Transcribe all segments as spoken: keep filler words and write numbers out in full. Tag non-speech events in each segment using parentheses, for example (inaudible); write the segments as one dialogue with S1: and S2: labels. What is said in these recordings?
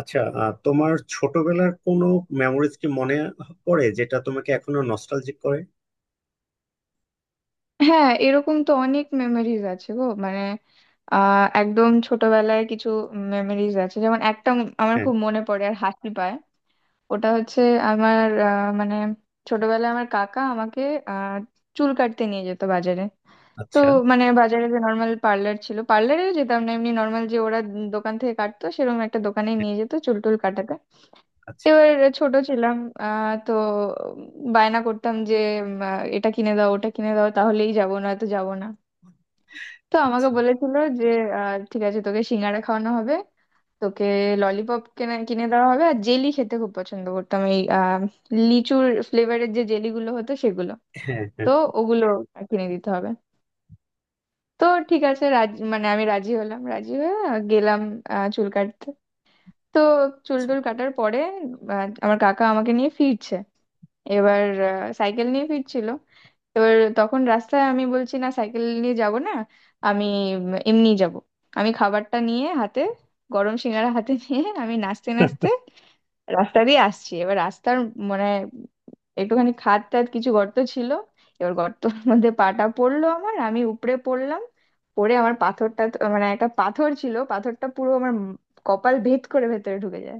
S1: আচ্ছা, আহ, তোমার ছোটবেলার কোনো মেমোরিজ কি মনে পড়ে যেটা তোমাকে এখনো নস্টালজিক করে?
S2: হ্যাঁ, এরকম তো অনেক মেমোরিজ আছে গো। মানে আহ একদম ছোটবেলায় কিছু মেমোরিজ আছে, যেমন একটা উম আমার
S1: হ্যাঁ।
S2: খুব মনে পড়ে আর হাসি পায়। ওটা হচ্ছে আমার আহ, মানে ছোটবেলায় আমার কাকা আমাকে আহ চুল কাটতে নিয়ে যেত বাজারে। তো
S1: আচ্ছা।
S2: মানে বাজারে যে নর্মাল পার্লার ছিল, পার্লারেও যেতাম না, এমনি নর্মাল যে ওরা দোকান থেকে কাটতো, সেরকম একটা দোকানে
S1: হ্যাঁ,
S2: নিয়ে যেত চুল টুল কাটাতে।
S1: আচ্ছা।
S2: এবার ছোট ছিলাম, আহ তো বায়না করতাম যে উম, আহ, এটা কিনে দাও, ওটা কিনে দাও, তাহলেই যাবো, না তো যাবো না। তো আমাকে
S1: আচ্ছা।
S2: বলেছিল যে আহ, ঠিক আছে, তোকে সিঙ্গারা খাওয়ানো হবে, তোকে ললিপপ কিনে কিনে দেওয়া হবে। আর জেলি খেতে খুব পছন্দ করতাম, এই আহ, লিচুর ফ্লেভারের যে জেলিগুলো হতো সেগুলো,
S1: হ্যাঁ, হ্যাঁ।
S2: তো ওগুলো কিনে দিতে হবে। তো ঠিক আছে, রাজি, মানে আমি রাজি হলাম, রাজি হয়ে আহ, গেলাম আহ, চুল কাটতে। তো চুল টুল কাটার পরে আহ, আমার কাকা আমাকে নিয়ে ফিরছে। এবার আহ, সাইকেল নিয়ে ফিরছিল। এবার তখন রাস্তায় আমি বলছি, না সাইকেল নিয়ে যাব না, আমি উম, এমনি যাব। আমি খাবারটা নিয়ে হাতে, গরম সিঙ্গারা হাতে নিয়ে আমি নাচতে নাচতে রাস্তা দিয়ে আসছি। এবার রাস্তার মানে একটুখানি খাদ টাদ কিছু গর্ত ছিল। এবার গর্তর মধ্যে পাটা পড়লো আমার, আমি উপরে পড়লাম। পড়ে আমার পাথরটা তো- মানে একটা পাথর ছিল, পাথরটা পুরো আমার উম কপাল ভেদ করে ভেতরে ঢুকে যায়।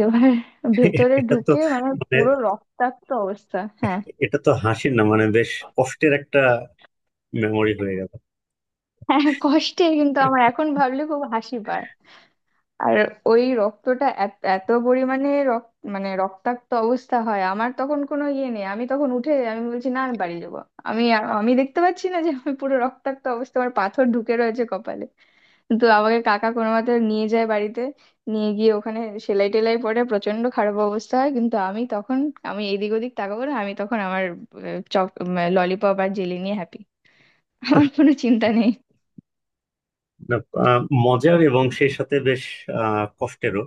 S2: এবার
S1: এ-
S2: ভেতরে
S1: এটা তো
S2: ঢুকে মানে
S1: মানে
S2: পুরো রক্তাক্ত অবস্থা। হ্যাঁ,
S1: এটা তো হাসির না, মানে বেশ কষ্টের একটা মেমোরি হয়ে গেল।
S2: হ্যাঁ, কষ্টে, কিন্তু আমার এখন ভাবলে খুব হাসি পায়। আর ওই রক্তটা এত এত পরিমাণে রক্ত, মানে রক্তাক্ত অবস্থা হয়, আমার তখন কোনো ইয়ে নেই, আমি তখন উঠে আমি বলছি না আমি বাড়ি যাবো। আমি আর- আমি দেখতে পাচ্ছি না যে আমি পুরো রক্তাক্ত অবস্থা, আমার পাথর ঢুকে রয়েছে কপালে। তো আমাকে কাকা কোনো মতে নিয়ে যায় বাড়িতে, নিয়ে গিয়ে ওখানে সেলাই টেলাই, পরে প্রচন্ড খারাপ অবস্থা হয়, কিন্তু আমি তখন আমি এদিক ওদিক তাকাবো না, আমি তখন আমার আহ, চক, ললিপপ আর জেলি নিয়ে হ্যাপি, আমার কোনো চিন্তা নেই।
S1: না, আহ, মজার এবং সেই সাথে বেশ আহ, কষ্টেরও।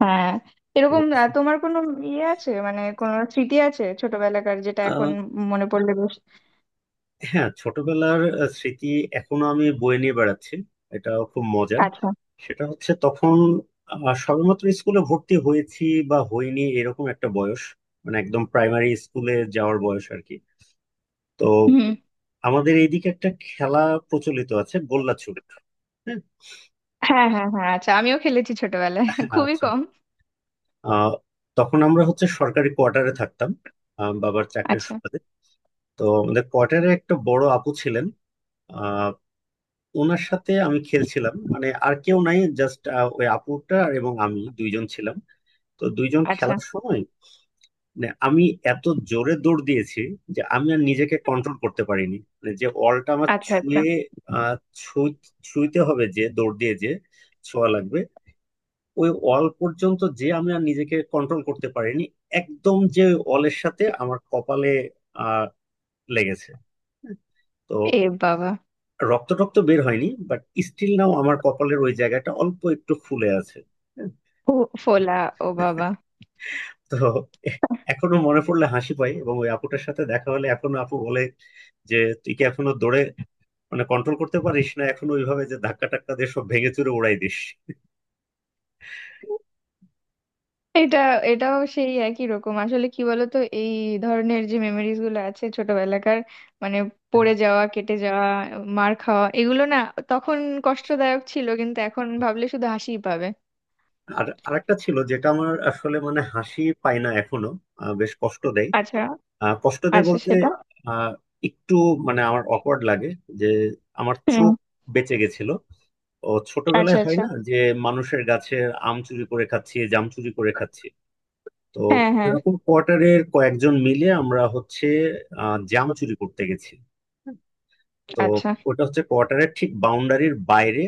S2: হ্যাঁ, এরকম আহ, তোমার কোনো ইয়ে আছে, মানে কোনো স্মৃতি আছে ছোটবেলাকার, যেটা এখন
S1: আহ,
S2: মনে পড়লে বেশ?
S1: হ্যাঁ, ছোটবেলার আহ, স্মৃতি এখনো আমি বয়ে নিয়ে বেড়াচ্ছি। এটাও খুব মজার।
S2: আচ্ছা।
S1: সেটা হচ্ছে তখন আহ, সবেমাত্র স্কুলে ভর্তি হয়েছি বা হইনি এরকম একটা বয়স, মানে একদম প্রাইমারি স্কুলে যাওয়ার বয়স আর কি। তো
S2: হুম।
S1: আমাদের এইদিকে একটা খেলা প্রচলিত আছে, গোল্লা ছুট। হ্যাঁ।
S2: হ্যাঁ হ্যাঁ হ্যাঁ, আচ্ছা, আমিও খেলেছি ছোটবেলায় (laughs) খুবই
S1: আচ্ছা।
S2: কম।
S1: আহ, তখন আমরা হচ্ছে সরকারি কোয়ার্টারে থাকতাম, আহ, বাবার চাকরির
S2: আচ্ছা।
S1: সুবাদে। তো আমাদের কোয়ার্টারে একটা বড় আপু ছিলেন। আহ, ওনার সাথে আমি খেলছিলাম, মানে আর কেউ নাই, জাস্ট ওই আপুটা আর এবং আমি দুইজন ছিলাম। তো দুইজন
S2: আচ্ছা।
S1: খেলার সময় মানে আমি এত জোরে দৌড় দিয়েছি যে আমি আর নিজেকে কন্ট্রোল করতে পারিনি, মানে যে অলটা আমার
S2: আচ্ছা। আচ্ছা।
S1: ছুঁয়ে আহ, ছুঁ- ছুঁইতে হবে, যে দৌড় দিয়ে যে ছোঁয়া লাগবে ওই অল পর্যন্ত, যে আমি আর নিজেকে কন্ট্রোল করতে পারিনি, একদম যে অলের সাথে আমার কপালে আহ লেগেছে। তো
S2: এ বাবা।
S1: রক্ত টক্ত বের হয়নি, বাট স্টিল নাও আমার কপালের ওই জায়গাটা অল্প একটু ফুলে আছে।
S2: ও, ফোলা, ও বাবা।
S1: তো এ- এখনো মনে পড়লে হাসি পাই, এবং ওই আপুটার সাথে দেখা হলে এখনো আপু বলে যে তুই কি এখনো দৌড়ে মানে কন্ট্রোল করতে পারিস না, এখনো ওইভাবে যে ধাক্কা টাক্কা দিয়ে সব ভেঙে চুরে উড়াই দিস।
S2: এটা, এটাও সেই একই রকম। আসলে কি বলতো, এই ধরনের যে মেমোরিজ গুলো আছে ছোটবেলাকার, মানে
S1: হ্যাঁ,
S2: পড়ে যাওয়া, কেটে যাওয়া, মার খাওয়া, এগুলো না তখন কষ্টদায়ক ছিল কিন্তু এখন ভাবলে শুধু হাসিই পাবে।
S1: আর আরেকটা ছিল যেটা আমার আসলে মানে হাসি পায় না এখনো। আহ, বেশ কষ্ট দেয়।
S2: আচ্ছা।
S1: আহ, কষ্ট দেয়
S2: আচ্ছা,
S1: বলতে
S2: সেটা।
S1: আহ, একটু মানে আমার অকওয়ার্ড লাগে, যে আমার
S2: হুম।
S1: চোখ বেঁচে গেছিল। ও
S2: আচ্ছা,
S1: ছোটবেলায় হয়
S2: আচ্ছা।
S1: না যে মানুষের গাছের আম চুরি করে খাচ্ছি, জাম চুরি করে খাচ্ছি। তো
S2: হ্যাঁ, হ্যাঁ।
S1: এরকম কোয়ার্টারের কয়েকজন মিলে আমরা হচ্ছে আহ, জাম চুরি করতে গেছি। তো
S2: আচ্ছা।
S1: ওটা হচ্ছে কোয়ার্টারের ঠিক বাউন্ডারির বাইরে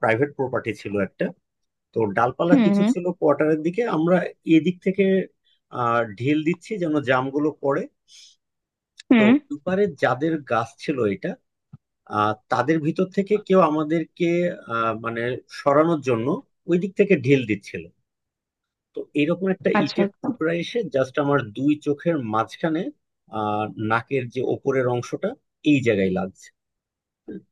S1: প্রাইভেট প্রপার্টি ছিল একটা। তো ডালপালা
S2: হুম
S1: কিছু
S2: হুম
S1: ছিল কোয়ার্টারের দিকে, আমরা এদিক থেকে আহ, ঢিল দিচ্ছি যেন জামগুলো পড়ে। তো
S2: হুম।
S1: ওপারে যাদের গাছ ছিল এটা, আহ, তাদের ভিতর থেকে কেউ আমাদেরকে আহ, মানে সরানোর জন্য ওই দিক থেকে ঢিল দিচ্ছিল। তো এরকম একটা
S2: আচ্ছা,
S1: ইটের
S2: আচ্ছা।
S1: টুকরা এসে জাস্ট আমার দুই চোখের মাঝখানে আহ নাকের যে ওপরের অংশটা, এই জায়গায় লাগছে।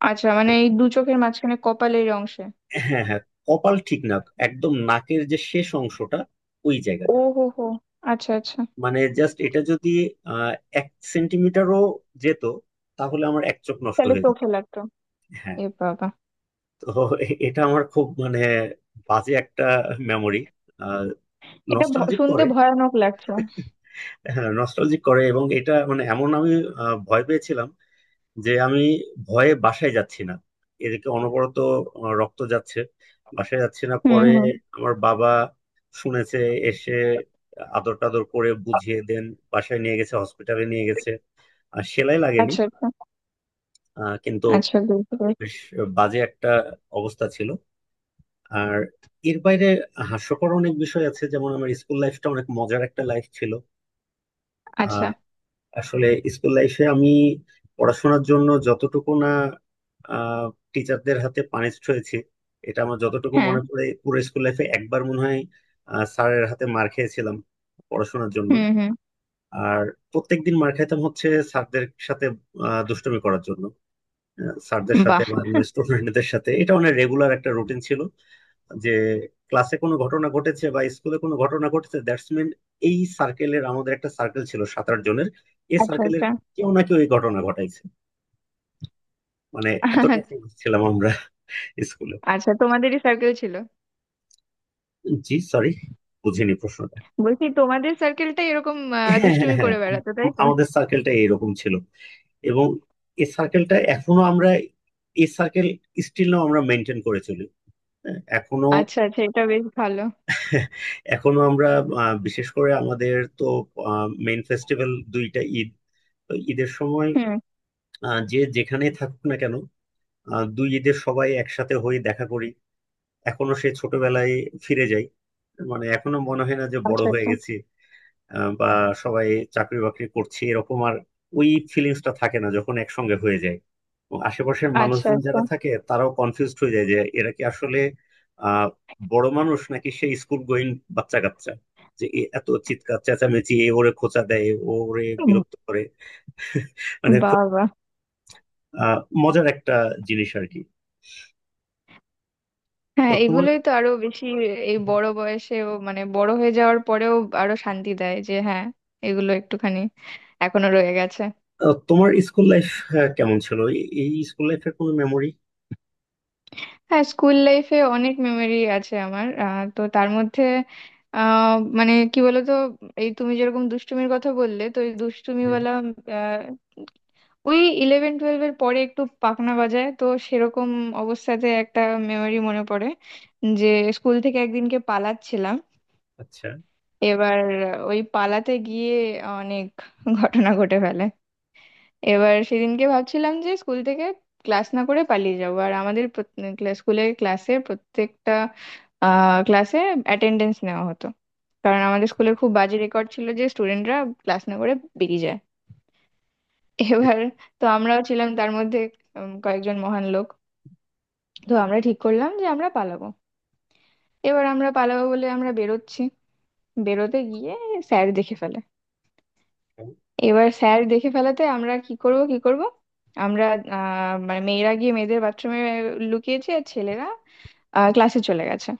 S2: আচ্ছা, মানে এই দু চোখের মাঝখানে কপালের অংশে।
S1: হ্যাঁ, হ্যাঁ। কপাল ঠিক না, একদম নাকের যে শেষ অংশটা, ওই
S2: ও
S1: জায়গাটা।
S2: হো হো, আচ্ছা আচ্ছা।
S1: মানে জাস্ট এটা যদি আহ এক সেন্টিমিটারও যেত, তাহলে আমার এক চোখ নষ্ট
S2: তাহলে
S1: হয়ে যেত।
S2: চোখে লাগতো।
S1: হ্যাঁ।
S2: এ বাবা।
S1: তো এ- এটা আমার খুব মানে বাজে একটা মেমোরি।
S2: এটা ভ-
S1: নস্টালজিক
S2: শুনতে
S1: করে।
S2: ভয়ানক লাগছে।
S1: হ্যাঁ, নস্টালজিক করে, এবং এটা মানে এমন আমি আহ, ভয় পেয়েছিলাম, যে আমি ভয়ে বাসায় যাচ্ছি না, এদিকে অনবরত আহ, রক্ত যাচ্ছে, বাসায় যাচ্ছি না।
S2: হুম,
S1: পরে
S2: হুম।
S1: আমার বাবা শুনেছে, এসে আদর টাদর করে বুঝিয়ে দেন, বাসায় নিয়ে গেছে, হসপিটালে নিয়ে গেছে, আর সেলাই লাগেনি।
S2: আচ্ছা, আচ্ছা।
S1: আহ, কিন্তু
S2: আচ্ছা, বুঝতে পেরেছি।
S1: বেশ বাজে একটা অবস্থা ছিল। আর এর বাইরে হাস্যকর অনেক বিষয় আছে, যেমন আমার স্কুল লাইফটা অনেক মজার একটা লাইফ ছিল
S2: আচ্ছা।
S1: আসলে। স্কুল লাইফে আমি পড়াশোনার জন্য যতটুকু না আহ, টিচারদের হাতে পানিশড হয়েছি, এটা আমার যতটুকু
S2: হ্যাঁ।
S1: মনে পড়ে পুরো স্কুল লাইফে একবার মনে হয় আহ, স্যারের হাতে মার খেয়েছিলাম পড়াশোনার জন্য।
S2: হুম হুম।
S1: আর প্রত্যেকদিন মার খাইতাম হচ্ছে স্যারদের সাথে আহ, দুষ্টুমি করার জন্য, আহ, স্যারদের সাথে
S2: বাহ।
S1: বা অন্য স্টুডেন্টদের সাথে। এটা অনেক রেগুলার একটা রুটিন ছিল, যে ক্লাসে কোনো ঘটনা ঘটেছে বা স্কুলে কোনো ঘটনা ঘটেছে, দ্যাটস মিন এই সার্কেলের, আমাদের একটা সার্কেল ছিল সাত আট জনের, এই
S2: আচ্ছা
S1: সার্কেলের
S2: আচ্ছা।
S1: কেউ না কেউ এই ঘটনা ঘটাইছে। মানে এতটা famous ছিলাম আমরা স্কুলে।
S2: আচ্ছা তোমাদেরই সার্কেল ছিল?
S1: জি, সরি, বুঝিনি প্রশ্নটা।
S2: বলছি তোমাদের সার্কেলটাই এরকম আহ,
S1: হ্যাঁ, হ্যাঁ,
S2: দুষ্টুমি
S1: হ্যাঁ,
S2: করে
S1: আম-
S2: বেড়াতো, তাই তো?
S1: আমাদের সার্কেলটা এরকম ছিল, এবং এই সার্কেলটা এখনো আমরা, এই সার্কেল স্টিল আমরা মেনটেন করে চলি। হ্যাঁ, এখনো।
S2: আচ্ছা আচ্ছা, এটা বেশ ভালো।
S1: এখনো আমরা আহ, বিশেষ করে আমাদের তো মেইন ফেস্টিভ্যাল দুইটা ঈদ। তো ঈদের সময়
S2: হুম।
S1: আহ, যে যেখানে থাকুক না কেন, আহ, দুই ঈদের সবাই একসাথে হয়ে দেখা করি, এখনো সে ছোটবেলায় ফিরে যাই। মানে এখনো মনে হয় না যে বড়
S2: আচ্ছা
S1: হয়ে
S2: আচ্ছা।
S1: গেছি আহ, বা সবাই চাকরি বাকরি করছি এরকম। আর ওই ফিলিংসটা থাকে না যখন একসঙ্গে হয়ে যায়। এবং আশেপাশের
S2: আচ্ছা
S1: মানুষজন
S2: আচ্ছা।
S1: যারা থাকে তারাও কনফিউজড হয়ে যায়, যে এরা কি আসলে আহ বড় মানুষ নাকি সে স্কুল গোয়িং বাচ্চা কাচ্চা, যে এ এত চিৎকার চেঁচামেচি, এ ওরে খোঁচা দেয়, ও ওরে
S2: হুম।
S1: বিরক্ত করে। মানে
S2: বাবা।
S1: আহ মজার একটা জিনিস আর কি। তো
S2: হ্যাঁ,
S1: তোমার
S2: এগুলোই তো আরো বেশি এই বড় বয়সেও, মানে বড় হয়ে যাওয়ার পরেও আরো শান্তি দেয় যে হ্যাঁ, এগুলো একটুখানি এখনো রয়ে গেছে।
S1: আহ, তোমার স্কুল লাইফ কেমন ছিল? এই এই স্কুল লাইফের কোনো মেমোরি?
S2: হ্যাঁ, স্কুল লাইফে অনেক মেমোরি আছে আমার। আহ, তো তার মধ্যে আহ মানে কি বলতো, এই তুমি যেরকম দুষ্টুমির কথা বললে, তো এই দুষ্টুমিওয়ালা আহ, ওই ইলেভেন টুয়েলভ এর পরে একটু পাখনা বাজায়, তো সেরকম অবস্থাতে একটা মেমোরি মনে পড়ে যে স্কুল থেকে একদিনকে পালাচ্ছিলাম।
S1: আচ্ছা।
S2: এবার ওই পালাতে গিয়ে অনেক ঘটনা ঘটে ফেলে। এবার সেদিনকে ভাবছিলাম যে স্কুল থেকে ক্লাস না করে পালিয়ে যাবো। আর আমাদের প্রত- ক্লা- স্কুলের ক্লাসে প্রত্যেকটা ক্লাসে অ্যাটেন্ডেন্স নেওয়া হতো, কারণ আমাদের স্কুলের খুব বাজে রেকর্ড ছিল যে স্টুডেন্টরা ক্লাস না করে বেরিয়ে যায়। এবার তো আমরাও ছিলাম তার মধ্যে উম, কয়েকজন মহান লোক। তো আমরা ঠিক করলাম যে আমরা পালাবো। এবার আমরা পালাবো বলে আমরা বেরোচ্ছি, বেরোতে গিয়ে স্যার দেখে ফেলে।
S1: এরকম।
S2: এবার স্যার দেখে ফেলাতে আমরা কি করব কি করব, আমরা আহ, মানে মেয়েরা গিয়ে মেয়েদের বাথরুমে লুকিয়েছে, আর ছেলেরা ক্লাসে চলে গেছে।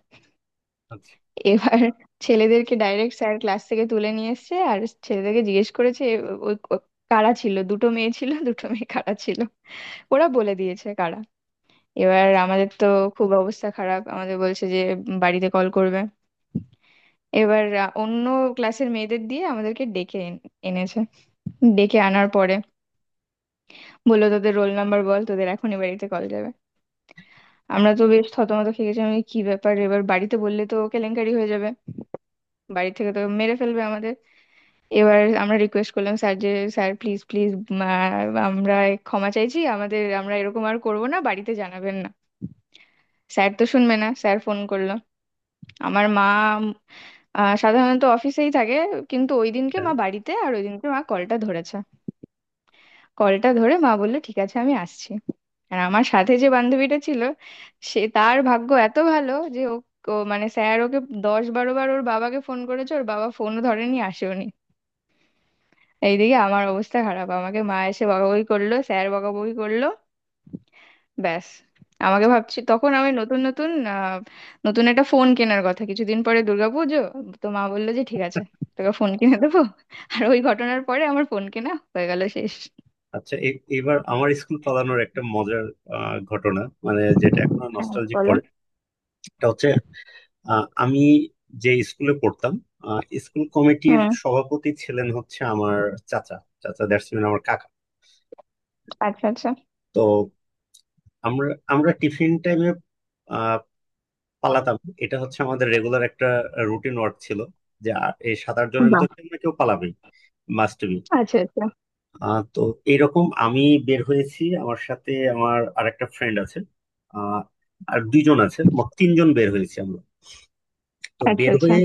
S1: আচ্ছা।
S2: এবার ছেলেদেরকে ডাইরেক্ট স্যার ক্লাস থেকে তুলে নিয়ে এসেছে আর ছেলেদেরকে জিজ্ঞেস করেছে "এ, ওই ক- কারা ছিল, দুটো মেয়ে ছিল (laughs) দুটো মেয়ে কারা ছিল?" ওরা বলে দিয়েছে কারা। এবার আমাদের তো খুব অবস্থা খারাপ, আমাদের বলছে যে উম, বাড়িতে কল করবে। এবার আহ, অন্য ক্লাসের মেয়েদের দিয়ে আমাদেরকে ডেকে এন- এনেছে। ডেকে আনার পরে বললো, তোদের রোল নাম্বার বল, তোদের এখনই বাড়িতে কল যাবে। আমরা তো বেশ থতমত খেয়ে গেছি, আমি কি ব্যাপার, এবার বাড়িতে বললে তো কেলেঙ্কারি হয়ে যাবে, বাড়ি থেকে তো মেরে ফেলবে আমাদের। এবার আমরা রিকোয়েস্ট করলাম স্যার, যে স্যার প্লিজ প্লিজ, আমরা ক্ষমা চাইছি, আমাদের আমরা এরকম আর করব না, বাড়িতে জানাবেন না। স্যার তো শুনবে না, স্যার ফোন করলো। আমার মা উম, আহ, সাধারণত অফিসেই থাকে, কিন্তু ওই দিনকে মা বাড়িতে, আর ওই দিনকে মা কলটা ধরেছে। কলটা ধরে মা বললো, ঠিক আছে আমি আসছি। আর আমার সাথে যে বান্ধবীটা ছিল, সে তার ভাগ্য এত ভালো যে ও, ও মানে স্যার ওকে দশ বারো বার ওর বাবাকে ফোন করেছে, ওর বাবা ফোনও ধরেনি, আসেওনি। এইদিকে আমার অবস্থা খারাপ, আমাকে মা এসে বকাবকি করলো, স্যার বকাবকি করলো, ব্যাস। আমাকে
S1: আচ্ছা।
S2: ভাবছি তখন আমি নতুন নতুন আহ, নতুন একটা ফোন কেনার কথা, কিছুদিন পরে দুর্গাপুজো, তো মা বললো যে ঠিক আছে, তোকে ফোন কিনে দেবো, আর ওই ঘটনার পরে আমার ফোন কেনা হয়ে গেল, শেষ।
S1: আচ্ছা। এ- এবার আমার স্কুল পালানোর একটা মজার আহ, ঘটনা, মানে যেটা এখনো
S2: হ্যাঁ,
S1: নস্টালজিক
S2: বলো।
S1: করে। এটা হচ্ছে আহ, আমি যে স্কুলে পড়তাম, আহ, স্কুল কমিটির
S2: হুম।
S1: সভাপতি ছিলেন হচ্ছে আমার চাচা। চাচা দ্যাটস মিন আমার কাকা।
S2: আচ্ছা আচ্ছা।
S1: তো আমরা আমরা টিফিন টাইমে পালাতাম। এটা হচ্ছে আমাদের রেগুলার একটা রুটিন ওয়ার্ক ছিল, যে আ- এই সাত আট জনের
S2: বাহ!
S1: ভিতর থেকে না কেউ পালাবেই, মাস্ট বি।
S2: আচ্ছা, আচ্ছা।
S1: তো এইরকম আমি বের হয়েছি, আমার সাথে আমার আরেকটা ফ্রেন্ড আছে, আহ, আর দুইজন আছে, মোট তিনজন বের হয়েছি আমরা। তো
S2: আচ্ছা,
S1: বের
S2: আচ্ছা।
S1: হয়ে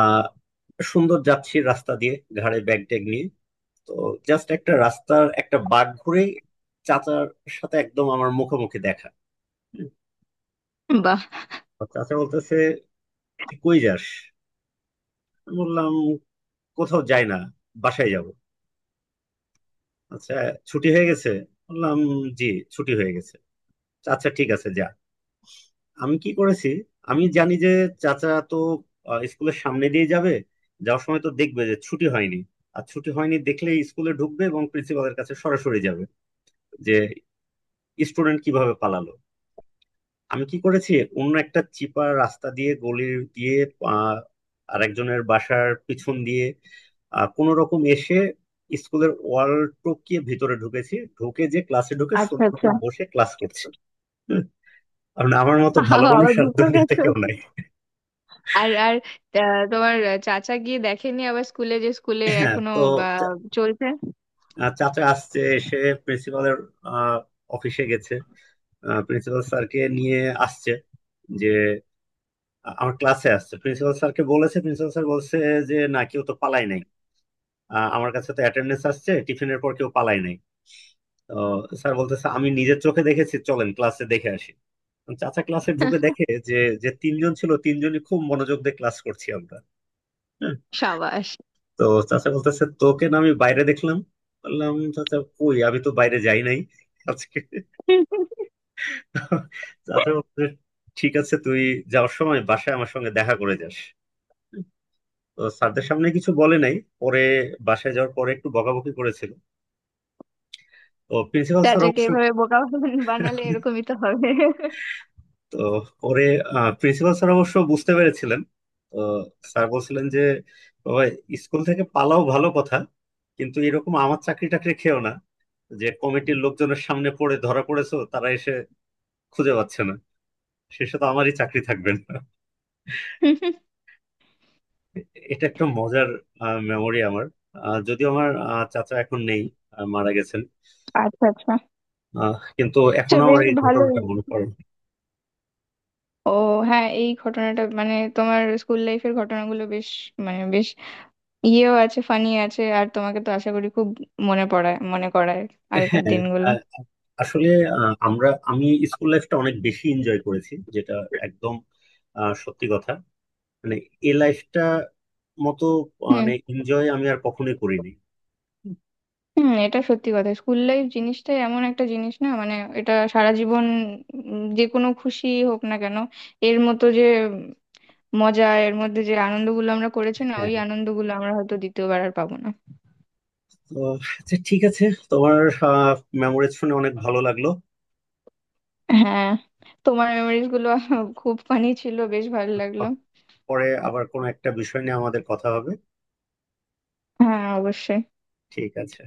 S1: আহ, সুন্দর যাচ্ছি রাস্তা দিয়ে, ঘাড়ে ব্যাগ ট্যাগ নিয়ে। তো জাস্ট একটা রাস্তার একটা বাঁক ঘুরে চাচার সাথে একদম আমার মুখোমুখি দেখা। হুম।
S2: বাহ!
S1: তো চাচা বলতেছে, তুই কই যাস? আমি বললাম, কোথাও যাই না, বাসায় যাব। আচ্ছা, ছুটি হয়ে গেছে? বললাম, জি, ছুটি হয়ে গেছে। আচ্ছা, ঠিক আছে, যা। আমি কি করেছি, আমি জানি যে চাচা তো আহ, স্কুলের সামনে দিয়ে যাবে, যাওয়ার সময় তো দেখবে যে ছুটি হয়নি, আর ছুটি হয়নি দেখলে স্কুলে ঢুকবে এবং প্রিন্সিপালের কাছে সরাসরি যাবে, যে স্টুডেন্ট কিভাবে পালালো। আমি কি করেছি, অন্য একটা চিপার রাস্তা দিয়ে, গলি দিয়ে, আহ, আরেকজনের বাসার পিছন দিয়ে কোন রকম এসে স্কুলের ওয়াল টপকিয়ে ভিতরে ঢুকেছি, ঢুকে যে ক্লাসে ঢুকে
S2: আচ্ছা,
S1: সুন্দর
S2: আচ্ছা।
S1: করে বসে ক্লাস করছি। হুম। কারণ আমার মতো ভালো মানুষ
S2: আবার
S1: আর
S2: দুটো
S1: দুনিয়াতে
S2: গেছো।
S1: কেউ নাই।
S2: আর আর আ, তোমার চাচা গিয়ে দেখেনি আবার স্কুলে, যে স্কুলে
S1: হ্যাঁ।
S2: এখনো
S1: তো
S2: বা
S1: চা-
S2: চলছে?
S1: আহ, চাচা আসছে, এসে প্রিন্সিপালের অফিসে গেছে, প্রিন্সিপাল স্যারকে নিয়ে আসছে, যে আ- আমার ক্লাসে আসছে, প্রিন্সিপাল স্যারকে বলেছে। প্রিন্সিপাল স্যার বলছে যে না, কেউ তো পালাই নাই, আহ, আমার কাছে তো অ্যাটেন্ডেন্স আসছে, টিফিনের পর কেউ পালাই নাই। তো স্যার বলতেছে, আমি নিজের চোখে দেখেছি, চলেন ক্লাসে দেখে আসি। তো চাচা ক্লাসে ঢুকে দেখে যে যে তিনজন ছিল, তিনজনই খুব মনোযোগ দিয়ে ক্লাস করছি আমরা। হ্যাঁ।
S2: সাবাস!
S1: তো চাচা বলতেছে, তোকে না আমি বাইরে দেখলাম? বললাম, চাচা কই, আমি তো বাইরে যাই নাই আজকে। চাচা বলতেছে, ঠিক আছে, তুই যাওয়ার সময় বাসায় আমার সঙ্গে দেখা করে যাস। তো স্যারদের সামনে কিছু বলে নাই, পরে বাসায় যাওয়ার পরে একটু বকাবকি করেছিল। তো প্রিন্সিপাল স্যার
S2: চাচাকে
S1: অবশ্য
S2: এভাবে বোকা বানালে এরকমই তো হবে।
S1: তো পরে প্রিন্সিপাল স্যার অবশ্য বুঝতে পেরেছিলেন। তো স্যার বলছিলেন যে বাবা, স্কুল থেকে পালাও ভালো কথা, কিন্তু এরকম আমার চাকরি টাকরি খেও না, যে কমিটির লোকজনের সামনে পড়ে ধরা পড়েছো, তারা এসে খুঁজে পাচ্ছে না, শেষে তো আমারই চাকরি থাকবে না। এটা একটা মজার মেমোরি আমার। আহ, যদিও আমার আহ, চাচা এখন নেই, আহ, মারা গেছেন।
S2: আচ্ছা, আচ্ছা।
S1: আহ, কিন্তু
S2: আচ্ছা
S1: এখনো আমার
S2: বেশ
S1: এই
S2: ভালোই।
S1: ঘটনাটা মনে পড়ে।
S2: ও হ্যাঁ, এই ঘটনাটা মানে তোমার স্কুল লাইফের ঘটনাগুলো বেশ, মানে বেশ ইয়েও আছে, ফানি আছে, আর তোমাকে তো আশা করি খুব মনে পড়ায়, মনে করায় আগেকার
S1: হ্যাঁ।
S2: দিনগুলো।
S1: আ- আসলে আ, আমরা আমি স্কুল লাইফটা অনেক বেশি এনজয় করেছি, যেটা একদম আ, সত্যি কথা। মানে এই লাইফটা মতো
S2: হুম।
S1: মানে এনজয় আমি আর কখনোই করিনি।
S2: হুম, এটা সত্যি কথা, স্কুল লাইফ জিনিসটাই এমন একটা জিনিস না, মানে এটা সারা জীবন উম, যে কোনো খুশি হোক না কেন, এর মতো যে উম, মজা, এর মধ্যে যে আনন্দগুলো আমরা করেছি না,
S1: হ্যাঁ।
S2: ওই আনন্দগুলো আমরা হয়তো দ্বিতীয়বার আর পাবো না।
S1: তো আচ্ছা, ঠিক আছে, তোমার মেমোরিজ শুনে অনেক ভালো লাগলো।
S2: হ্যাঁ। তোমার মেমোরিজ গুলো খুব ফানি ছিল, বেশ ভালো লাগলো।
S1: পরে আবার কোনো একটা বিষয় নিয়ে আমাদের কথা হবে।
S2: হ্যাঁ অবশ্যই।
S1: ঠিক আছে।